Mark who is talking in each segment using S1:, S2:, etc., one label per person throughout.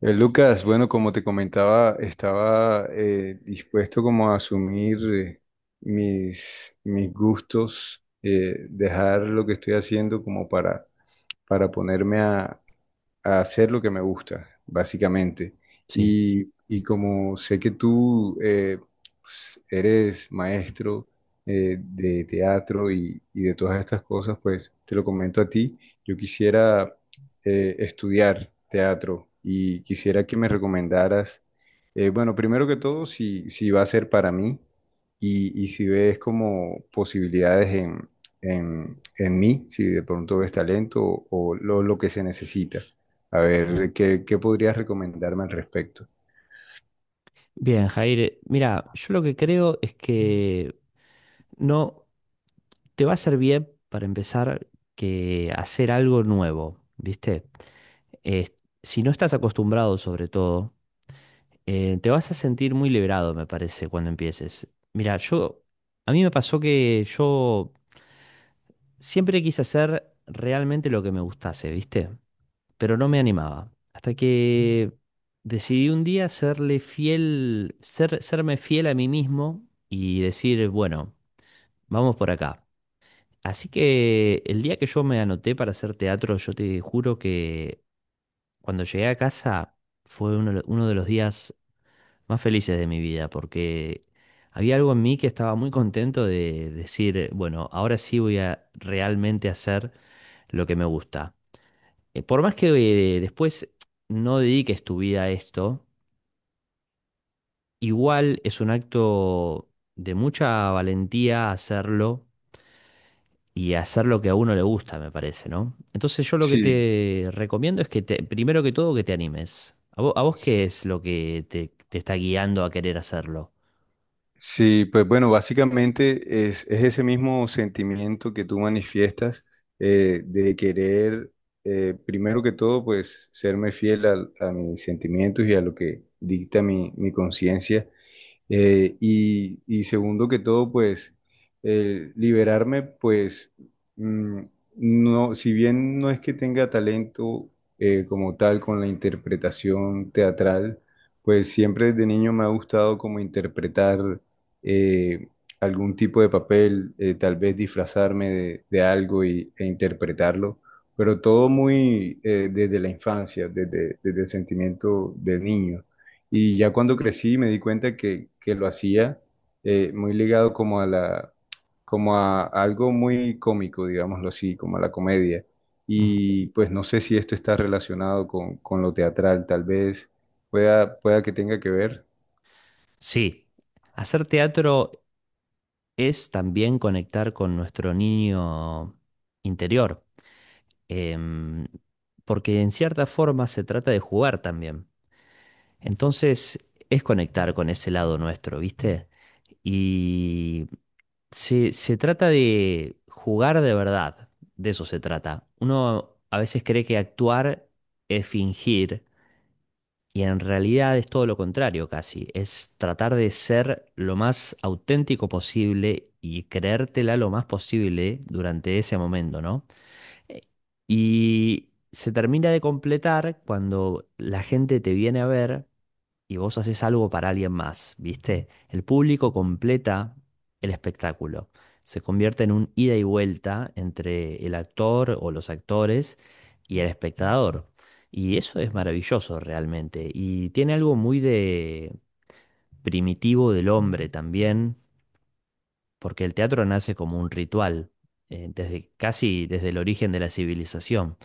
S1: Lucas, bueno, como te comentaba, estaba dispuesto como a asumir mis gustos, dejar lo que estoy haciendo como para ponerme a hacer lo que me gusta, básicamente.
S2: Sí.
S1: Y como sé que tú pues, eres maestro de teatro y de todas estas cosas, pues te lo comento a ti. Yo quisiera estudiar teatro y quisiera que me recomendaras, bueno, primero que todo, si va a ser para mí y si ves como posibilidades en... en mí, si de pronto ves talento o lo que se necesita. A ver, ¿ qué podrías recomendarme al respecto?
S2: Bien, Jair. Mira, yo lo que creo es que no te va a ser bien para empezar que hacer algo nuevo, ¿viste? Eh, si no estás acostumbrado, sobre todo, te vas a sentir muy liberado, me parece, cuando empieces. Mira, yo, a mí me pasó que yo siempre quise hacer realmente lo que me gustase, ¿viste? Pero no me animaba. Hasta que decidí un día serle fiel, serme fiel a mí mismo y decir, bueno, vamos por acá. Así que el día que yo me anoté para hacer teatro, yo te juro que cuando llegué a casa fue uno de los días más felices de mi vida, porque había algo en mí que estaba muy contento de decir, bueno, ahora sí voy a realmente hacer lo que me gusta. Por más que después no dediques tu vida a esto, igual es un acto de mucha valentía hacerlo y hacer lo que a uno le gusta, me parece, ¿no? Entonces yo lo que
S1: Sí,
S2: te recomiendo es que primero que todo que te animes. A vos qué
S1: s-
S2: es lo que te está guiando a querer hacerlo?
S1: sí, pues bueno, básicamente es ese mismo sentimiento que tú manifiestas de querer, primero que todo, pues serme fiel a, mis sentimientos y a lo que dicta mi conciencia. Y segundo que todo, pues liberarme, pues, mm, no, si bien no es que tenga talento como tal con la interpretación teatral, pues siempre desde niño me ha gustado como interpretar eh, algún tipo de papel, tal vez disfrazarme de algo e interpretarlo, pero todo muy desde la infancia, desde, desde el sentimiento de niño. Y ya cuando crecí me di cuenta que lo hacía muy ligado como a la, como a algo muy cómico, digámoslo así, como a la comedia.
S2: Ujú.
S1: Y pues no sé si esto está relacionado con lo teatral, tal vez pueda, pueda que tenga que ver.
S2: Sí, hacer teatro es también conectar con nuestro niño interior. em, Porque en cierta forma se trata de jugar también. Entonces es conectar con ese lado nuestro, ¿viste? Y se trata de jugar de verdad, de eso se trata. Uno a veces cree que actuar es fingir y en realidad es todo lo contrario casi, es tratar de ser lo más auténtico posible y creértela lo más posible durante ese momento, ¿no? Eh, Y se termina de completar cuando la gente te viene a ver y vos haces algo para alguien más, ¿viste? El público completa el espectáculo. Se convierte en un ida y vuelta entre el actor o los actores y el espectador. Y eso es maravilloso realmente. Y tiene algo muy de primitivo del hombre también, porque el teatro nace como un ritual, desde, casi desde el origen de la civilización.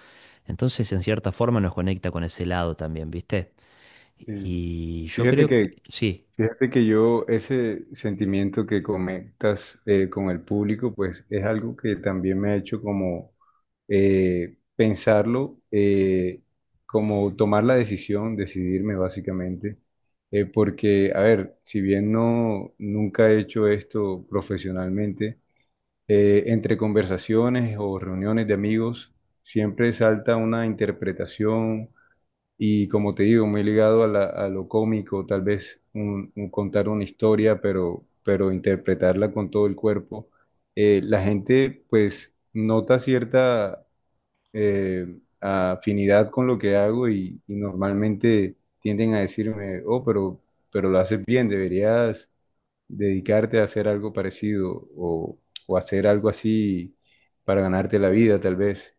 S2: Entonces, en cierta forma, nos conecta con ese lado también, ¿viste?
S1: Eh,
S2: Y yo
S1: fíjate
S2: creo
S1: que,
S2: que sí.
S1: fíjate que yo ese sentimiento que conectas con el público, pues es algo que también me ha hecho como pensarlo, como tomar la decisión, decidirme básicamente, porque, a ver, si bien no, nunca he hecho esto profesionalmente, entre conversaciones o reuniones de amigos siempre salta una interpretación y como te digo, muy ligado a, a lo cómico, tal vez un contar una historia, pero interpretarla con todo el cuerpo. La gente pues nota cierta eh, afinidad con lo que hago y normalmente tienden a decirme, oh, pero lo haces bien, deberías dedicarte a hacer algo parecido o hacer algo así para ganarte la vida, tal vez.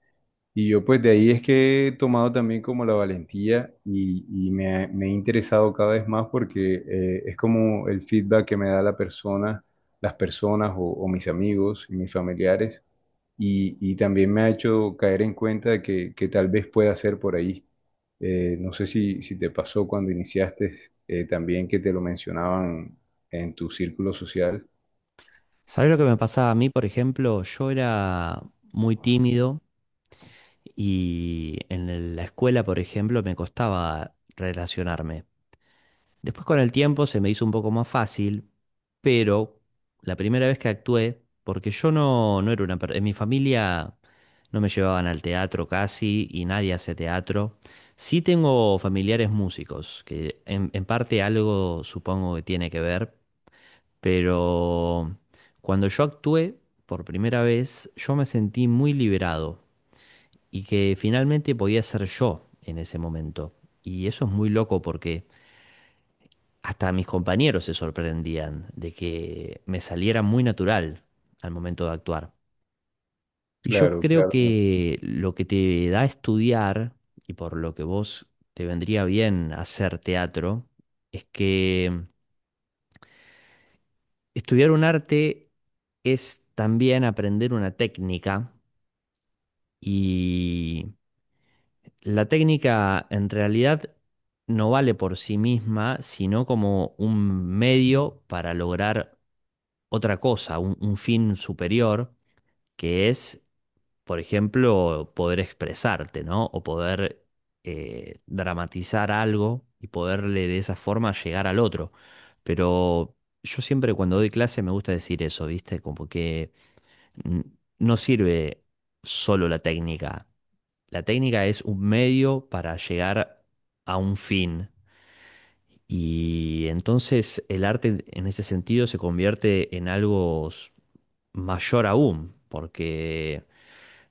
S1: Y yo pues de ahí es que he tomado también como la valentía y me, me he interesado cada vez más porque es como el feedback que me da la persona, las personas o mis amigos y mis familiares y también me ha hecho caer en cuenta de que tal vez pueda ser por ahí. No sé si, si te pasó cuando iniciaste también que te lo mencionaban en tu círculo social.
S2: ¿Sabés lo que me pasaba a mí, por ejemplo? Yo era muy tímido y en la escuela, por ejemplo, me costaba relacionarme. Después con el tiempo se me hizo un poco más fácil, pero la primera vez que actué, porque yo no era una... En mi familia no me llevaban al teatro casi y nadie hace teatro. Sí tengo familiares músicos, que en parte algo supongo que tiene que ver, pero cuando yo actué por primera vez, yo me sentí muy liberado y que finalmente podía ser yo en ese momento. Y eso es muy loco porque... Hasta mis compañeros se sorprendían de que me saliera muy natural al momento de actuar. Y yo
S1: Claro,
S2: creo
S1: claro.
S2: que lo que te da estudiar y por lo que vos te vendría bien hacer teatro es que estudiar un arte es también aprender una técnica. Y la técnica en realidad no vale por sí misma, sino como un medio para lograr otra cosa, un fin superior, que es, por ejemplo, poder expresarte, ¿no? O poder dramatizar algo y poderle de esa forma llegar al otro. Pero yo siempre cuando doy clase me gusta decir eso, ¿viste? Como que N- no sirve solo la técnica. La técnica es un medio para llegar a un fin. Y entonces el arte en ese sentido se convierte en algo mayor aún, porque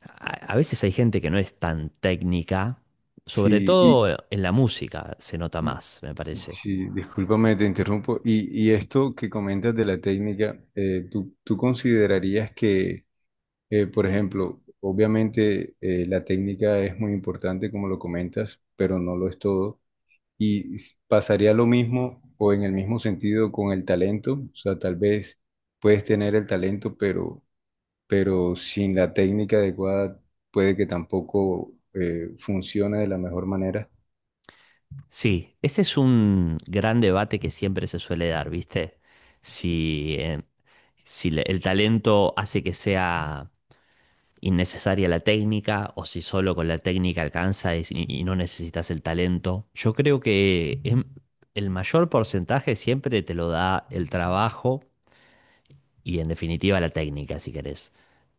S2: a veces hay gente que no es tan técnica, sobre
S1: Sí, y,
S2: todo en la música se nota más, me parece.
S1: sí, discúlpame, te interrumpo. Y esto que comentas de la técnica, ¿tú, tú considerarías que, por ejemplo, obviamente la técnica es muy importante, como lo comentas, pero no lo es todo? ¿Y pasaría lo mismo o en el mismo sentido con el talento? O sea, tal vez puedes tener el talento, pero sin la técnica adecuada puede que tampoco funcione de la mejor manera.
S2: Sí, ese es un gran debate que siempre se suele dar, ¿viste? Si, si el talento hace que sea innecesaria la técnica o si solo con la técnica alcanza y no necesitas el talento. Yo creo que el mayor porcentaje siempre te lo da el trabajo y en definitiva la técnica, si querés.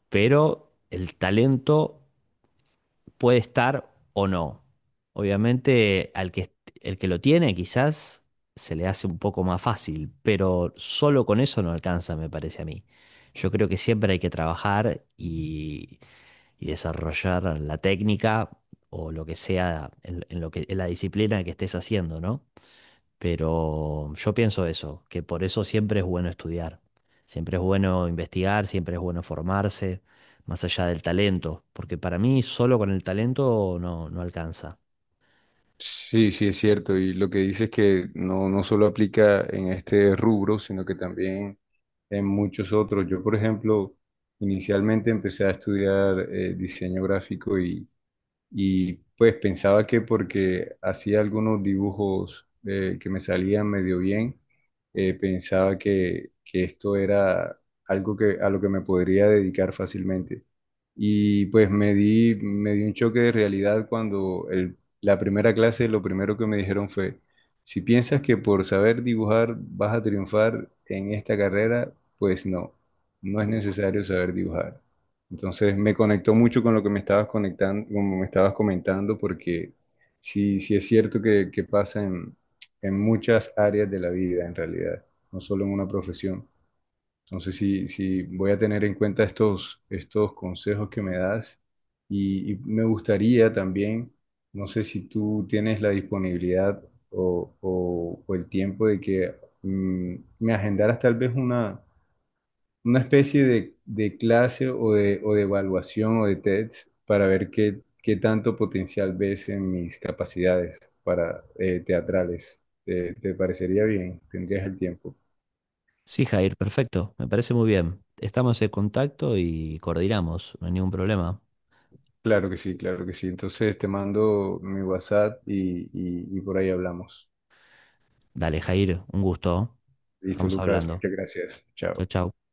S2: Pero el talento puede estar o no. Obviamente, el que lo tiene quizás se le hace un poco más fácil, pero solo con eso no alcanza, me parece a mí. Yo creo que siempre hay que trabajar y desarrollar la técnica o lo que sea en lo que, en la disciplina que estés haciendo, ¿no? Pero yo pienso eso, que por eso siempre es bueno estudiar, siempre es bueno investigar, siempre es bueno formarse más allá del talento, porque para mí solo con el talento no, no alcanza.
S1: Sí, sí, es cierto. Y lo que dices que no, no solo aplica en este rubro, sino que también en muchos otros. Yo, por ejemplo, inicialmente empecé a estudiar diseño gráfico y, pues pensaba que porque hacía algunos dibujos que me salían medio bien, pensaba que esto era algo que, a lo que me podría dedicar fácilmente. Y pues me di un choque de realidad cuando la primera clase lo primero que me dijeron fue, si piensas que por saber dibujar vas a triunfar en esta carrera, pues no, no es necesario saber dibujar. Entonces me conectó mucho con lo que me estabas conectando, como me estabas comentando, porque sí, sí es cierto que pasa en muchas áreas de la vida en realidad, no solo en una profesión. Entonces, sí, sí, voy a tener en cuenta estos, estos consejos que me das y me gustaría también, no sé si tú tienes la disponibilidad o, o el tiempo de que, me agendaras tal vez una especie de clase o de evaluación o de test para ver qué, qué tanto potencial ves en mis capacidades para teatrales. ¿Te, te parecería bien? ¿Tendrías el tiempo?
S2: Sí, Jair, perfecto, me parece muy bien. Estamos en contacto y coordinamos, no hay ningún problema.
S1: Claro que sí, claro que sí. Entonces te mando mi WhatsApp y y por ahí hablamos.
S2: Dale, Jair, un gusto.
S1: Listo,
S2: Estamos
S1: Lucas,
S2: hablando.
S1: muchas gracias.
S2: Chau,
S1: Chao.
S2: chau.